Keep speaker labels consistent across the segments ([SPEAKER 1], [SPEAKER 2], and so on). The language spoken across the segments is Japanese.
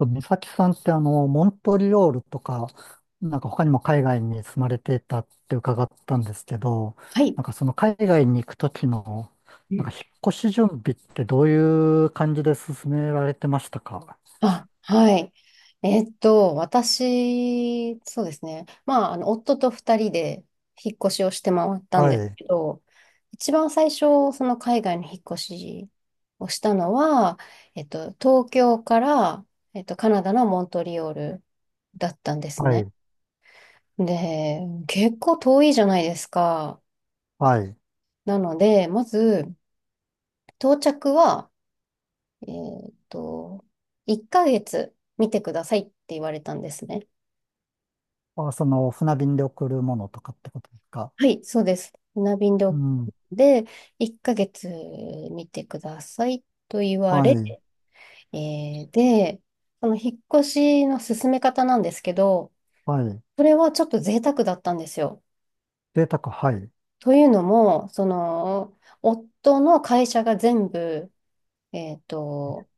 [SPEAKER 1] 美咲さんってモントリオールとか、なんか他にも海外に住まれていたって伺ったんですけど、
[SPEAKER 2] はい。
[SPEAKER 1] なんかその海外に行くときの、なんか
[SPEAKER 2] う
[SPEAKER 1] 引っ越し準備ってどういう感じで進められてましたか？
[SPEAKER 2] はい。私、そうですね。まあ、夫と二人で引っ越しをして回ったん
[SPEAKER 1] は
[SPEAKER 2] です
[SPEAKER 1] い、
[SPEAKER 2] けど、一番最初、その海外の引っ越しをしたのは、東京から、カナダのモントリオールだったんです
[SPEAKER 1] は
[SPEAKER 2] ね。
[SPEAKER 1] い、
[SPEAKER 2] で、結構遠いじゃないですか。
[SPEAKER 1] はい。
[SPEAKER 2] なので、まず、到着は、えっと、1ヶ月見てくださいって言われたんですね。
[SPEAKER 1] あ、その船便で送るものとかってことですか？
[SPEAKER 2] はい、そうです。船便で、
[SPEAKER 1] うん、
[SPEAKER 2] で、1ヶ月見てくださいと言わ
[SPEAKER 1] は
[SPEAKER 2] れ、
[SPEAKER 1] い、
[SPEAKER 2] で、その引っ越しの進め方なんですけど、
[SPEAKER 1] はい。
[SPEAKER 2] それはちょっと贅沢だったんですよ。
[SPEAKER 1] 贅沢、はい。
[SPEAKER 2] というのも、夫の会社が全部、えっと、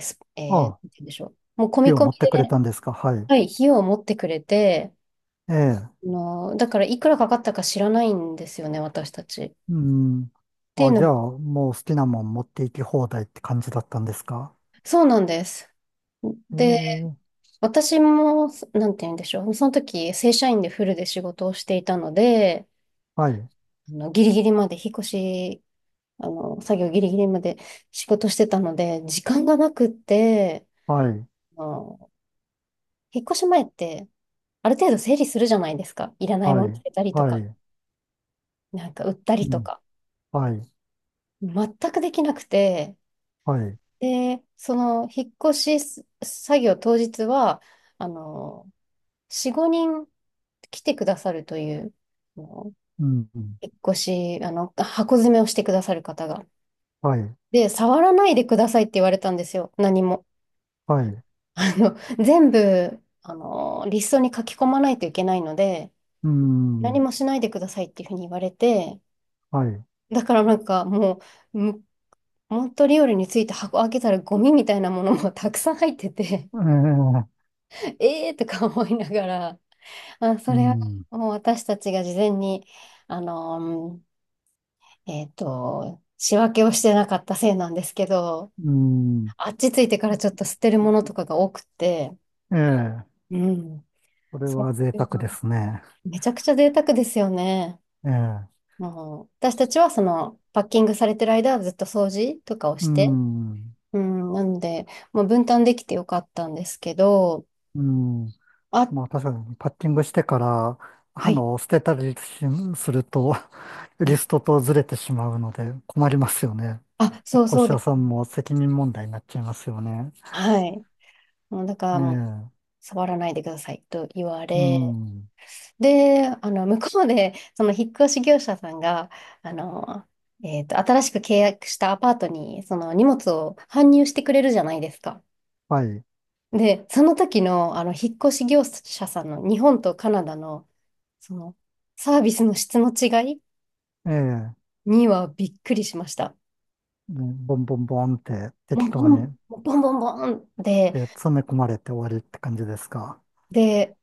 [SPEAKER 2] すえー、なんて
[SPEAKER 1] あ、
[SPEAKER 2] 言うんでしょう。もう込み
[SPEAKER 1] 火を
[SPEAKER 2] 込
[SPEAKER 1] 持っ
[SPEAKER 2] み
[SPEAKER 1] てく
[SPEAKER 2] で、
[SPEAKER 1] れたんですか？はい。
[SPEAKER 2] はい、費用を持ってくれて、
[SPEAKER 1] ええ、
[SPEAKER 2] だからいくらかかったか知らないんですよね、私たち。っ
[SPEAKER 1] うん。
[SPEAKER 2] ていう
[SPEAKER 1] あ、
[SPEAKER 2] の
[SPEAKER 1] じ
[SPEAKER 2] も、
[SPEAKER 1] ゃあ、もう好きなもん持って行き放題って感じだったんですか？
[SPEAKER 2] そうなんです。で、
[SPEAKER 1] ええ、
[SPEAKER 2] 私も、なんて言うんでしょう。その時、正社員でフルで仕事をしていたので、
[SPEAKER 1] はい、
[SPEAKER 2] ギリギリまで引っ越し、作業ギリギリまで仕事してたので、時間がなくって、
[SPEAKER 1] はい、
[SPEAKER 2] あの、引っ越し前って、ある程度整理するじゃないですか。いらない
[SPEAKER 1] は
[SPEAKER 2] もの捨
[SPEAKER 1] い、
[SPEAKER 2] てたりと
[SPEAKER 1] は
[SPEAKER 2] か、
[SPEAKER 1] い、
[SPEAKER 2] なんか売った
[SPEAKER 1] う
[SPEAKER 2] りと
[SPEAKER 1] ん、
[SPEAKER 2] か。
[SPEAKER 1] はい、
[SPEAKER 2] 全くできなくて、
[SPEAKER 1] はい、
[SPEAKER 2] で、引っ越しす作業当日は、あの、4、5人来てくださるという、
[SPEAKER 1] うん、
[SPEAKER 2] 引っ越し、箱詰めをしてくださる方が。
[SPEAKER 1] はい、
[SPEAKER 2] で、触らないでくださいって言われたんですよ、何も。
[SPEAKER 1] はい、
[SPEAKER 2] あの、全部、リストに書き込まないといけないので、
[SPEAKER 1] う
[SPEAKER 2] 何
[SPEAKER 1] ん、
[SPEAKER 2] もしないでくださいっていうふうに言われて、
[SPEAKER 1] はい、
[SPEAKER 2] だからなんかもうモントリオールについて箱開けたらゴミみたいなものもたくさん入ってて、
[SPEAKER 1] ええ、
[SPEAKER 2] えーとか思いながら、あ、そ
[SPEAKER 1] う
[SPEAKER 2] れは
[SPEAKER 1] ん、
[SPEAKER 2] もう私たちが事前に、あの、仕分けをしてなかったせいなんですけど、
[SPEAKER 1] うん、
[SPEAKER 2] あっち着いてからちょっと捨てるものとかが多くて、
[SPEAKER 1] ええ、
[SPEAKER 2] うん。
[SPEAKER 1] これ
[SPEAKER 2] そ
[SPEAKER 1] は贅
[SPEAKER 2] ういう
[SPEAKER 1] 沢
[SPEAKER 2] の
[SPEAKER 1] ですね。
[SPEAKER 2] めちゃくちゃ贅沢ですよね。
[SPEAKER 1] ええ、
[SPEAKER 2] もう私たちはそのパッキングされてる間はずっと掃除とかを
[SPEAKER 1] う
[SPEAKER 2] して、
[SPEAKER 1] ん、
[SPEAKER 2] うん、なので、まあ、分担できてよかったんですけど、
[SPEAKER 1] うん、
[SPEAKER 2] あ、
[SPEAKER 1] まあ確かにパッティングしてから、
[SPEAKER 2] はい。
[SPEAKER 1] 捨てたりすると、
[SPEAKER 2] うん。
[SPEAKER 1] リストとずれてしまうので困りますよね。
[SPEAKER 2] あ、
[SPEAKER 1] 引っ
[SPEAKER 2] そうそ
[SPEAKER 1] 越
[SPEAKER 2] う
[SPEAKER 1] し
[SPEAKER 2] で
[SPEAKER 1] 屋
[SPEAKER 2] す。
[SPEAKER 1] さんも責任問題になっちゃいますよね。
[SPEAKER 2] はい。もうだか
[SPEAKER 1] え
[SPEAKER 2] らもう
[SPEAKER 1] え、
[SPEAKER 2] 触らないでくださいと言わ
[SPEAKER 1] う
[SPEAKER 2] れ、
[SPEAKER 1] ん、
[SPEAKER 2] で、向こうで、その引っ越し業者さんが、あの、新しく契約したアパートに、その荷物を搬入してくれるじゃないですか。
[SPEAKER 1] はい、
[SPEAKER 2] で、その時の、引っ越し業者さんの日本とカナダの、その、サービスの質の違い
[SPEAKER 1] ええ、ね、
[SPEAKER 2] にはびっくりしました。
[SPEAKER 1] ボンボンボンって
[SPEAKER 2] も
[SPEAKER 1] 適
[SPEAKER 2] う、ボ
[SPEAKER 1] 当
[SPEAKER 2] ン、
[SPEAKER 1] に、
[SPEAKER 2] ボンボンボンで、
[SPEAKER 1] で、詰め込まれて終わりって感じですか。
[SPEAKER 2] で、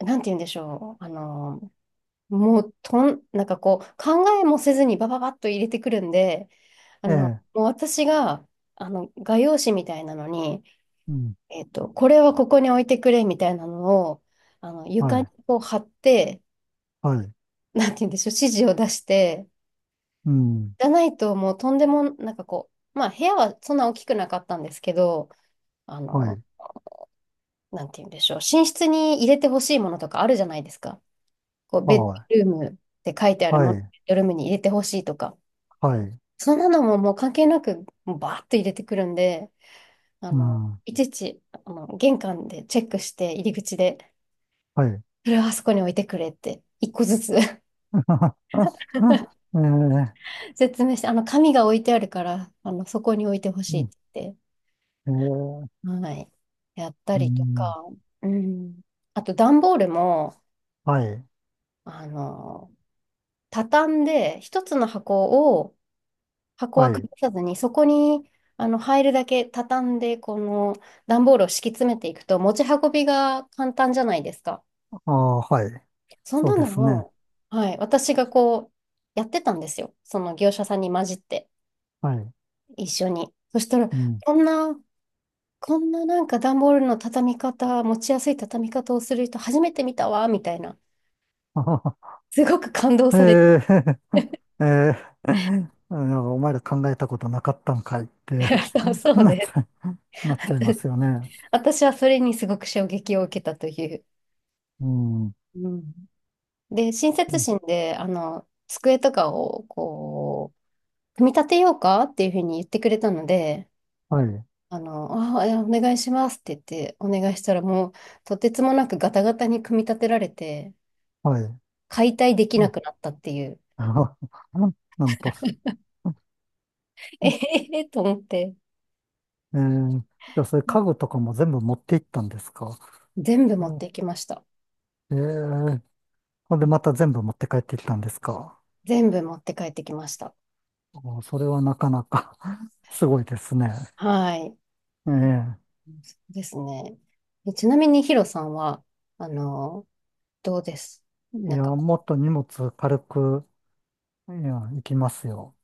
[SPEAKER 2] なんて言うんでしょう。もう、なんかこう、考えもせずにバババッと入れてくるんで、あ
[SPEAKER 1] え
[SPEAKER 2] の、
[SPEAKER 1] え、
[SPEAKER 2] もう私が、画用紙みたいなのに、
[SPEAKER 1] うん、
[SPEAKER 2] これはここに置いてくれみたいなのを、
[SPEAKER 1] は
[SPEAKER 2] 床に
[SPEAKER 1] い、
[SPEAKER 2] こう貼って、
[SPEAKER 1] はい、
[SPEAKER 2] なんて言うんでしょう、指示を出して、
[SPEAKER 1] うん、
[SPEAKER 2] じゃないともうとんでも、なんかこう、まあ部屋はそんな大きくなかったんですけど、あ
[SPEAKER 1] は
[SPEAKER 2] の、
[SPEAKER 1] い、
[SPEAKER 2] なんて言うんでしょう、寝室に入れてほしいものとかあるじゃないですか。こう、ベッ
[SPEAKER 1] は
[SPEAKER 2] ド
[SPEAKER 1] い、
[SPEAKER 2] ルームって書いてある
[SPEAKER 1] は
[SPEAKER 2] もの、ベ
[SPEAKER 1] い、
[SPEAKER 2] ッドルームに入れてほしいとか。
[SPEAKER 1] はい、
[SPEAKER 2] そんなのももう関係なく、もうバーッと入れてくるんで、
[SPEAKER 1] うん、
[SPEAKER 2] いちいち、玄関でチェックして、入り口で、
[SPEAKER 1] はい。
[SPEAKER 2] これはあそこに置いてくれって、一個ずつ
[SPEAKER 1] ええ、
[SPEAKER 2] 説明して、紙が置いてあるから、そこに置いてほ
[SPEAKER 1] う
[SPEAKER 2] しいっ
[SPEAKER 1] ん、
[SPEAKER 2] て言っ
[SPEAKER 1] ええ、
[SPEAKER 2] て、はい、やった
[SPEAKER 1] う
[SPEAKER 2] りと
[SPEAKER 1] ん、
[SPEAKER 2] か、うん。あと、段ボールも、
[SPEAKER 1] はい、
[SPEAKER 2] あの、畳んで、一つの箱を、箱
[SPEAKER 1] は
[SPEAKER 2] は
[SPEAKER 1] い、
[SPEAKER 2] 崩さずに、そこに入るだけ畳んで、この段ボールを敷き詰めていくと、持ち運びが簡単じゃないですか。
[SPEAKER 1] ああ、はい、
[SPEAKER 2] そん
[SPEAKER 1] そう
[SPEAKER 2] な
[SPEAKER 1] で
[SPEAKER 2] の
[SPEAKER 1] すね。
[SPEAKER 2] も、はい、私がこう、やってたんですよ。その業者さんに混じって、
[SPEAKER 1] はい、
[SPEAKER 2] 一緒に。そしたら、
[SPEAKER 1] うん。
[SPEAKER 2] こんな、こんななんか段ボールの畳み方、持ちやすい畳み方をする人初めて見たわ、みたいな。
[SPEAKER 1] あはは、
[SPEAKER 2] すごく感動されて、
[SPEAKER 1] ええ、ええ、 なんかお前ら考えたことなかったんかいっ て、
[SPEAKER 2] そうそう
[SPEAKER 1] なっち
[SPEAKER 2] で、
[SPEAKER 1] ゃ、なっちゃいま すよね。
[SPEAKER 2] 私はそれにすごく衝撃を受けたという。
[SPEAKER 1] うん、うん、
[SPEAKER 2] うん。で、親切心で、机とかを、こう、組み立てようかっていうふうに言ってくれたので、
[SPEAKER 1] はい、
[SPEAKER 2] あ、いやお願いしますって言って、お願いしたらもう、とてつもなくガタガタに組み立てられて、
[SPEAKER 1] はい。
[SPEAKER 2] 解体でき
[SPEAKER 1] う
[SPEAKER 2] な
[SPEAKER 1] ん、
[SPEAKER 2] くなったっていう。
[SPEAKER 1] なんと、
[SPEAKER 2] え へへと思って、
[SPEAKER 1] ええ、じゃあそういう家具とかも全部持って行ったんですか？
[SPEAKER 2] 全部持
[SPEAKER 1] う
[SPEAKER 2] っ
[SPEAKER 1] ん、
[SPEAKER 2] ていきました。
[SPEAKER 1] ええ、ほんでまた全部持って帰ってきたんですか？
[SPEAKER 2] 全部持って帰ってきました。
[SPEAKER 1] お、それはなかなか、 すごいですね。
[SPEAKER 2] はい。
[SPEAKER 1] ええ。
[SPEAKER 2] そうですね。ちなみにヒロさんは、あの、どうです
[SPEAKER 1] い
[SPEAKER 2] なん
[SPEAKER 1] や、
[SPEAKER 2] か、
[SPEAKER 1] もっと荷物軽く、いや、行きますよ。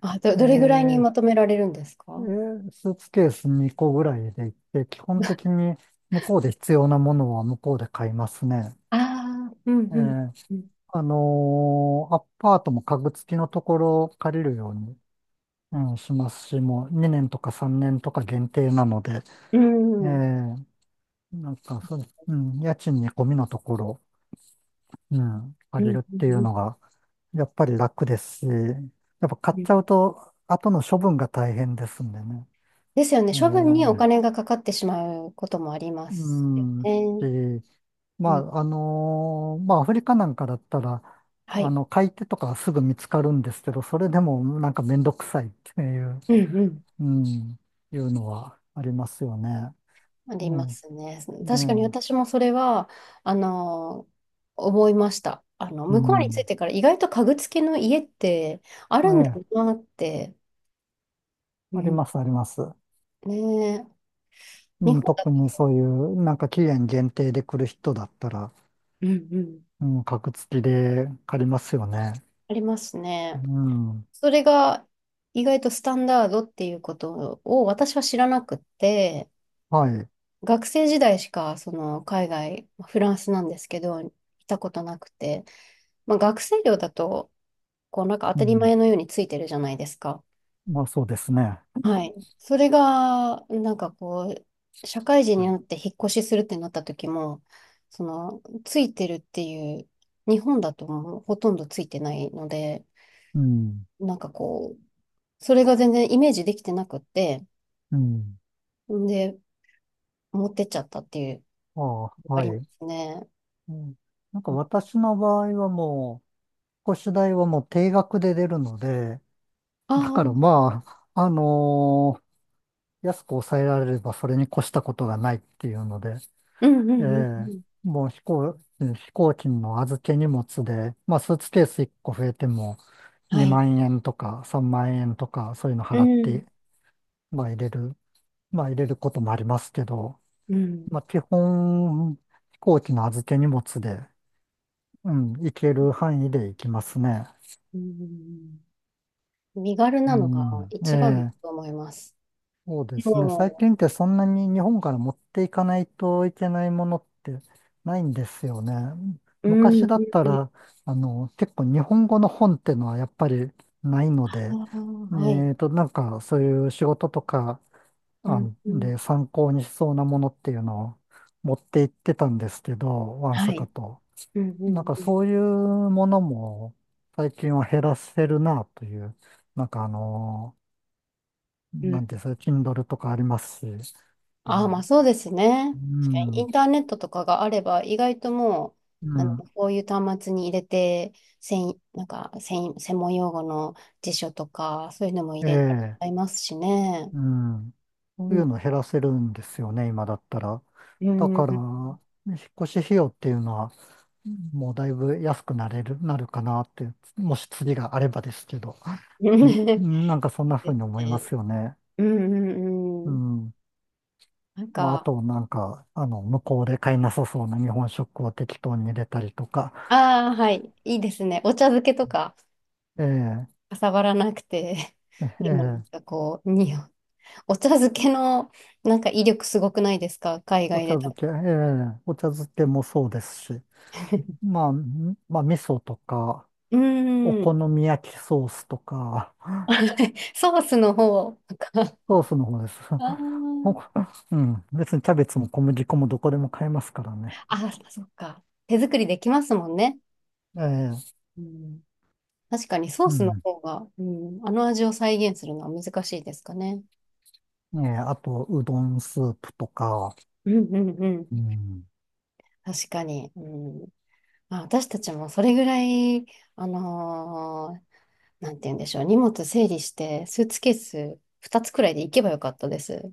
[SPEAKER 2] あ、ど、
[SPEAKER 1] え
[SPEAKER 2] どれぐらいに
[SPEAKER 1] え、
[SPEAKER 2] まとめられるんです
[SPEAKER 1] え
[SPEAKER 2] か？
[SPEAKER 1] え、スーツケース2個ぐらいで行って、基本的に向こうで必要なものは向こうで買いますね。
[SPEAKER 2] ああ、うん
[SPEAKER 1] ええ、
[SPEAKER 2] うん。う
[SPEAKER 1] アパートも家具付きのところを借りるように、うん、しますし、もう2年とか3年とか限定なので、
[SPEAKER 2] ん、
[SPEAKER 1] え
[SPEAKER 2] うん、
[SPEAKER 1] え、なんかそう、うん、家賃に込みのところ、うん、
[SPEAKER 2] う
[SPEAKER 1] 借
[SPEAKER 2] ん、う
[SPEAKER 1] り
[SPEAKER 2] ん、
[SPEAKER 1] るってい
[SPEAKER 2] う
[SPEAKER 1] う
[SPEAKER 2] ん、
[SPEAKER 1] のが、やっぱり楽ですし、やっぱ買
[SPEAKER 2] う
[SPEAKER 1] っ
[SPEAKER 2] ん
[SPEAKER 1] ちゃうと、後の処分が大変ですんでね。
[SPEAKER 2] ですよね。
[SPEAKER 1] え
[SPEAKER 2] 処分にお
[SPEAKER 1] ー
[SPEAKER 2] 金がかかってしまうこともありま
[SPEAKER 1] う
[SPEAKER 2] すよ
[SPEAKER 1] ん、
[SPEAKER 2] ね。
[SPEAKER 1] し、
[SPEAKER 2] う
[SPEAKER 1] ま
[SPEAKER 2] ん、
[SPEAKER 1] あ、まあ、アフリカなんかだったら、
[SPEAKER 2] はい。
[SPEAKER 1] 買い手とかすぐ見つかるんですけど、それでもなんかめんどくさいっていう、
[SPEAKER 2] うんうん。
[SPEAKER 1] うん、いうのはありますよね。
[SPEAKER 2] あ
[SPEAKER 1] う
[SPEAKER 2] りま
[SPEAKER 1] ん、
[SPEAKER 2] すね。確かに
[SPEAKER 1] ね
[SPEAKER 2] 私もそれは、あの、思いました。
[SPEAKER 1] え、う
[SPEAKER 2] 向こうに着い
[SPEAKER 1] ん。
[SPEAKER 2] てから意外と家具付きの家ってあ
[SPEAKER 1] え
[SPEAKER 2] るんだ
[SPEAKER 1] え、
[SPEAKER 2] なって。う
[SPEAKER 1] あり
[SPEAKER 2] ん、
[SPEAKER 1] ます、あります。
[SPEAKER 2] ねえ日
[SPEAKER 1] うん、
[SPEAKER 2] 本だ
[SPEAKER 1] 特
[SPEAKER 2] と、
[SPEAKER 1] にそういう、なんか期限限定で来る人だったら、
[SPEAKER 2] うんうん、
[SPEAKER 1] うん、格付きで借りますよね。
[SPEAKER 2] ありますね。
[SPEAKER 1] うん。
[SPEAKER 2] それが意外とスタンダードっていうことを私は知らなくって、
[SPEAKER 1] はい。
[SPEAKER 2] 学生時代しかその海外、まあフランスなんですけど、行ったことなくて、まあ、学生寮だと、こうなんか当
[SPEAKER 1] う
[SPEAKER 2] たり
[SPEAKER 1] ん。
[SPEAKER 2] 前のようについてるじゃないですか。
[SPEAKER 1] まあそうですね。
[SPEAKER 2] はい。それが、なんかこう、社会人
[SPEAKER 1] う
[SPEAKER 2] に
[SPEAKER 1] ん、
[SPEAKER 2] なって引っ越しするってなった時も、ついてるっていう、日本だともうほとんどついてないので、
[SPEAKER 1] うん。
[SPEAKER 2] なんかこう、それが全然イメージできてなくって、
[SPEAKER 1] うん。
[SPEAKER 2] んで、持ってっちゃったっていう、
[SPEAKER 1] ああ、
[SPEAKER 2] あ
[SPEAKER 1] は
[SPEAKER 2] りま
[SPEAKER 1] い。
[SPEAKER 2] すね。
[SPEAKER 1] うん、なんか私の場合はもう、越し代はもう定額で出るので、だ
[SPEAKER 2] あ
[SPEAKER 1] から
[SPEAKER 2] あ、
[SPEAKER 1] まあ、安く抑えられればそれに越したことがないっていうので、
[SPEAKER 2] うんう
[SPEAKER 1] え
[SPEAKER 2] んうんう
[SPEAKER 1] え、
[SPEAKER 2] ん。
[SPEAKER 1] もう飛行機の預け荷物で、まあスーツケース1個増えても
[SPEAKER 2] は
[SPEAKER 1] 2
[SPEAKER 2] い。
[SPEAKER 1] 万円とか3万円とかそういうの
[SPEAKER 2] う
[SPEAKER 1] 払っ
[SPEAKER 2] ん。
[SPEAKER 1] てまあ入れる、まあ入れることもありますけど、
[SPEAKER 2] うん。
[SPEAKER 1] まあ基本、飛行機の預け荷物で、うん、行ける範囲で行きますね。
[SPEAKER 2] うん。身軽
[SPEAKER 1] う
[SPEAKER 2] なのが
[SPEAKER 1] ん、
[SPEAKER 2] 一番だ
[SPEAKER 1] ええ、
[SPEAKER 2] と思います。
[SPEAKER 1] そうですね。最
[SPEAKER 2] も
[SPEAKER 1] 近ってそんなに日本から持っていかないといけないものってないんですよね。
[SPEAKER 2] うん。う
[SPEAKER 1] 昔
[SPEAKER 2] ん。
[SPEAKER 1] だった
[SPEAKER 2] うん。
[SPEAKER 1] ら、結構日本語の本ってのはやっぱりないの
[SPEAKER 2] あ
[SPEAKER 1] で、
[SPEAKER 2] あ、はい。
[SPEAKER 1] なんかそういう仕事とか
[SPEAKER 2] うん。
[SPEAKER 1] 案
[SPEAKER 2] うん。
[SPEAKER 1] で参考にしそうなものっていうのを持って行ってたんですけど、ワン
[SPEAKER 2] は
[SPEAKER 1] サカ
[SPEAKER 2] い。
[SPEAKER 1] と。
[SPEAKER 2] うん。う
[SPEAKER 1] なん
[SPEAKER 2] ん
[SPEAKER 1] か
[SPEAKER 2] うん。
[SPEAKER 1] そういうものも最近は減らせるなという、なんか
[SPEAKER 2] うん。
[SPEAKER 1] なんていうんですか、Kindle とかありますし、う
[SPEAKER 2] ああ、まあ
[SPEAKER 1] ん、
[SPEAKER 2] そうです
[SPEAKER 1] う
[SPEAKER 2] ね。確かにイ
[SPEAKER 1] ん、
[SPEAKER 2] ンターネットとかがあれば、意外とも
[SPEAKER 1] う
[SPEAKER 2] う、
[SPEAKER 1] ん、
[SPEAKER 2] こういう端末に入れて、専、なんか専、専門用語の辞書とか、そういうのも入れち
[SPEAKER 1] え
[SPEAKER 2] ゃい
[SPEAKER 1] え、
[SPEAKER 2] ますしね。
[SPEAKER 1] うん。そ
[SPEAKER 2] う
[SPEAKER 1] ういう
[SPEAKER 2] ん。
[SPEAKER 1] の減らせるんですよね、今だったら。
[SPEAKER 2] う
[SPEAKER 1] だ
[SPEAKER 2] ん。
[SPEAKER 1] から、引っ越し費用っていうのは、もうだいぶ安くなれる、なるかなって、もし次があればですけど。うん、う ん、なんかそんな
[SPEAKER 2] で
[SPEAKER 1] 風
[SPEAKER 2] す
[SPEAKER 1] に思いま
[SPEAKER 2] ね。
[SPEAKER 1] すよね。
[SPEAKER 2] うんう
[SPEAKER 1] う
[SPEAKER 2] んうん。
[SPEAKER 1] ん。
[SPEAKER 2] なん
[SPEAKER 1] まあ、あ
[SPEAKER 2] か、
[SPEAKER 1] となんか、向こうで買いなさそうな日本食を適当に入れたりとか、
[SPEAKER 2] ああ、はい。いいですね。お茶漬けとか、
[SPEAKER 1] ええ、
[SPEAKER 2] かさばらなくて。でもなん
[SPEAKER 1] ええ、
[SPEAKER 2] かこう、お茶漬けのなんか威力すごくないですか？海
[SPEAKER 1] お
[SPEAKER 2] 外
[SPEAKER 1] 茶
[SPEAKER 2] で
[SPEAKER 1] 漬
[SPEAKER 2] 食
[SPEAKER 1] け、ええ、お茶漬けもそうですし、
[SPEAKER 2] べて。
[SPEAKER 1] まあ、味噌とか、お
[SPEAKER 2] う
[SPEAKER 1] 好
[SPEAKER 2] ん。
[SPEAKER 1] み焼きソースとか、
[SPEAKER 2] はい、ソースの方とか。
[SPEAKER 1] ソースの方です。
[SPEAKER 2] あ
[SPEAKER 1] お、
[SPEAKER 2] ー、
[SPEAKER 1] うん、別にキャベツも小麦粉もどこでも買えますからね。
[SPEAKER 2] あ、そっか。手作りできますもんね。
[SPEAKER 1] ええ、
[SPEAKER 2] うん、確かにソー
[SPEAKER 1] う
[SPEAKER 2] スの
[SPEAKER 1] ん。
[SPEAKER 2] 方が、うん、あの味を再現するのは難しいですかね。
[SPEAKER 1] ええ、あと、うどんスープとか、
[SPEAKER 2] うんうんう
[SPEAKER 1] う
[SPEAKER 2] ん。
[SPEAKER 1] ん。
[SPEAKER 2] 確かに。うん。まあ、私たちもそれぐらい、あのーなんて言うんでしょう。荷物整理して、スーツケース2つくらいで行けばよかったです。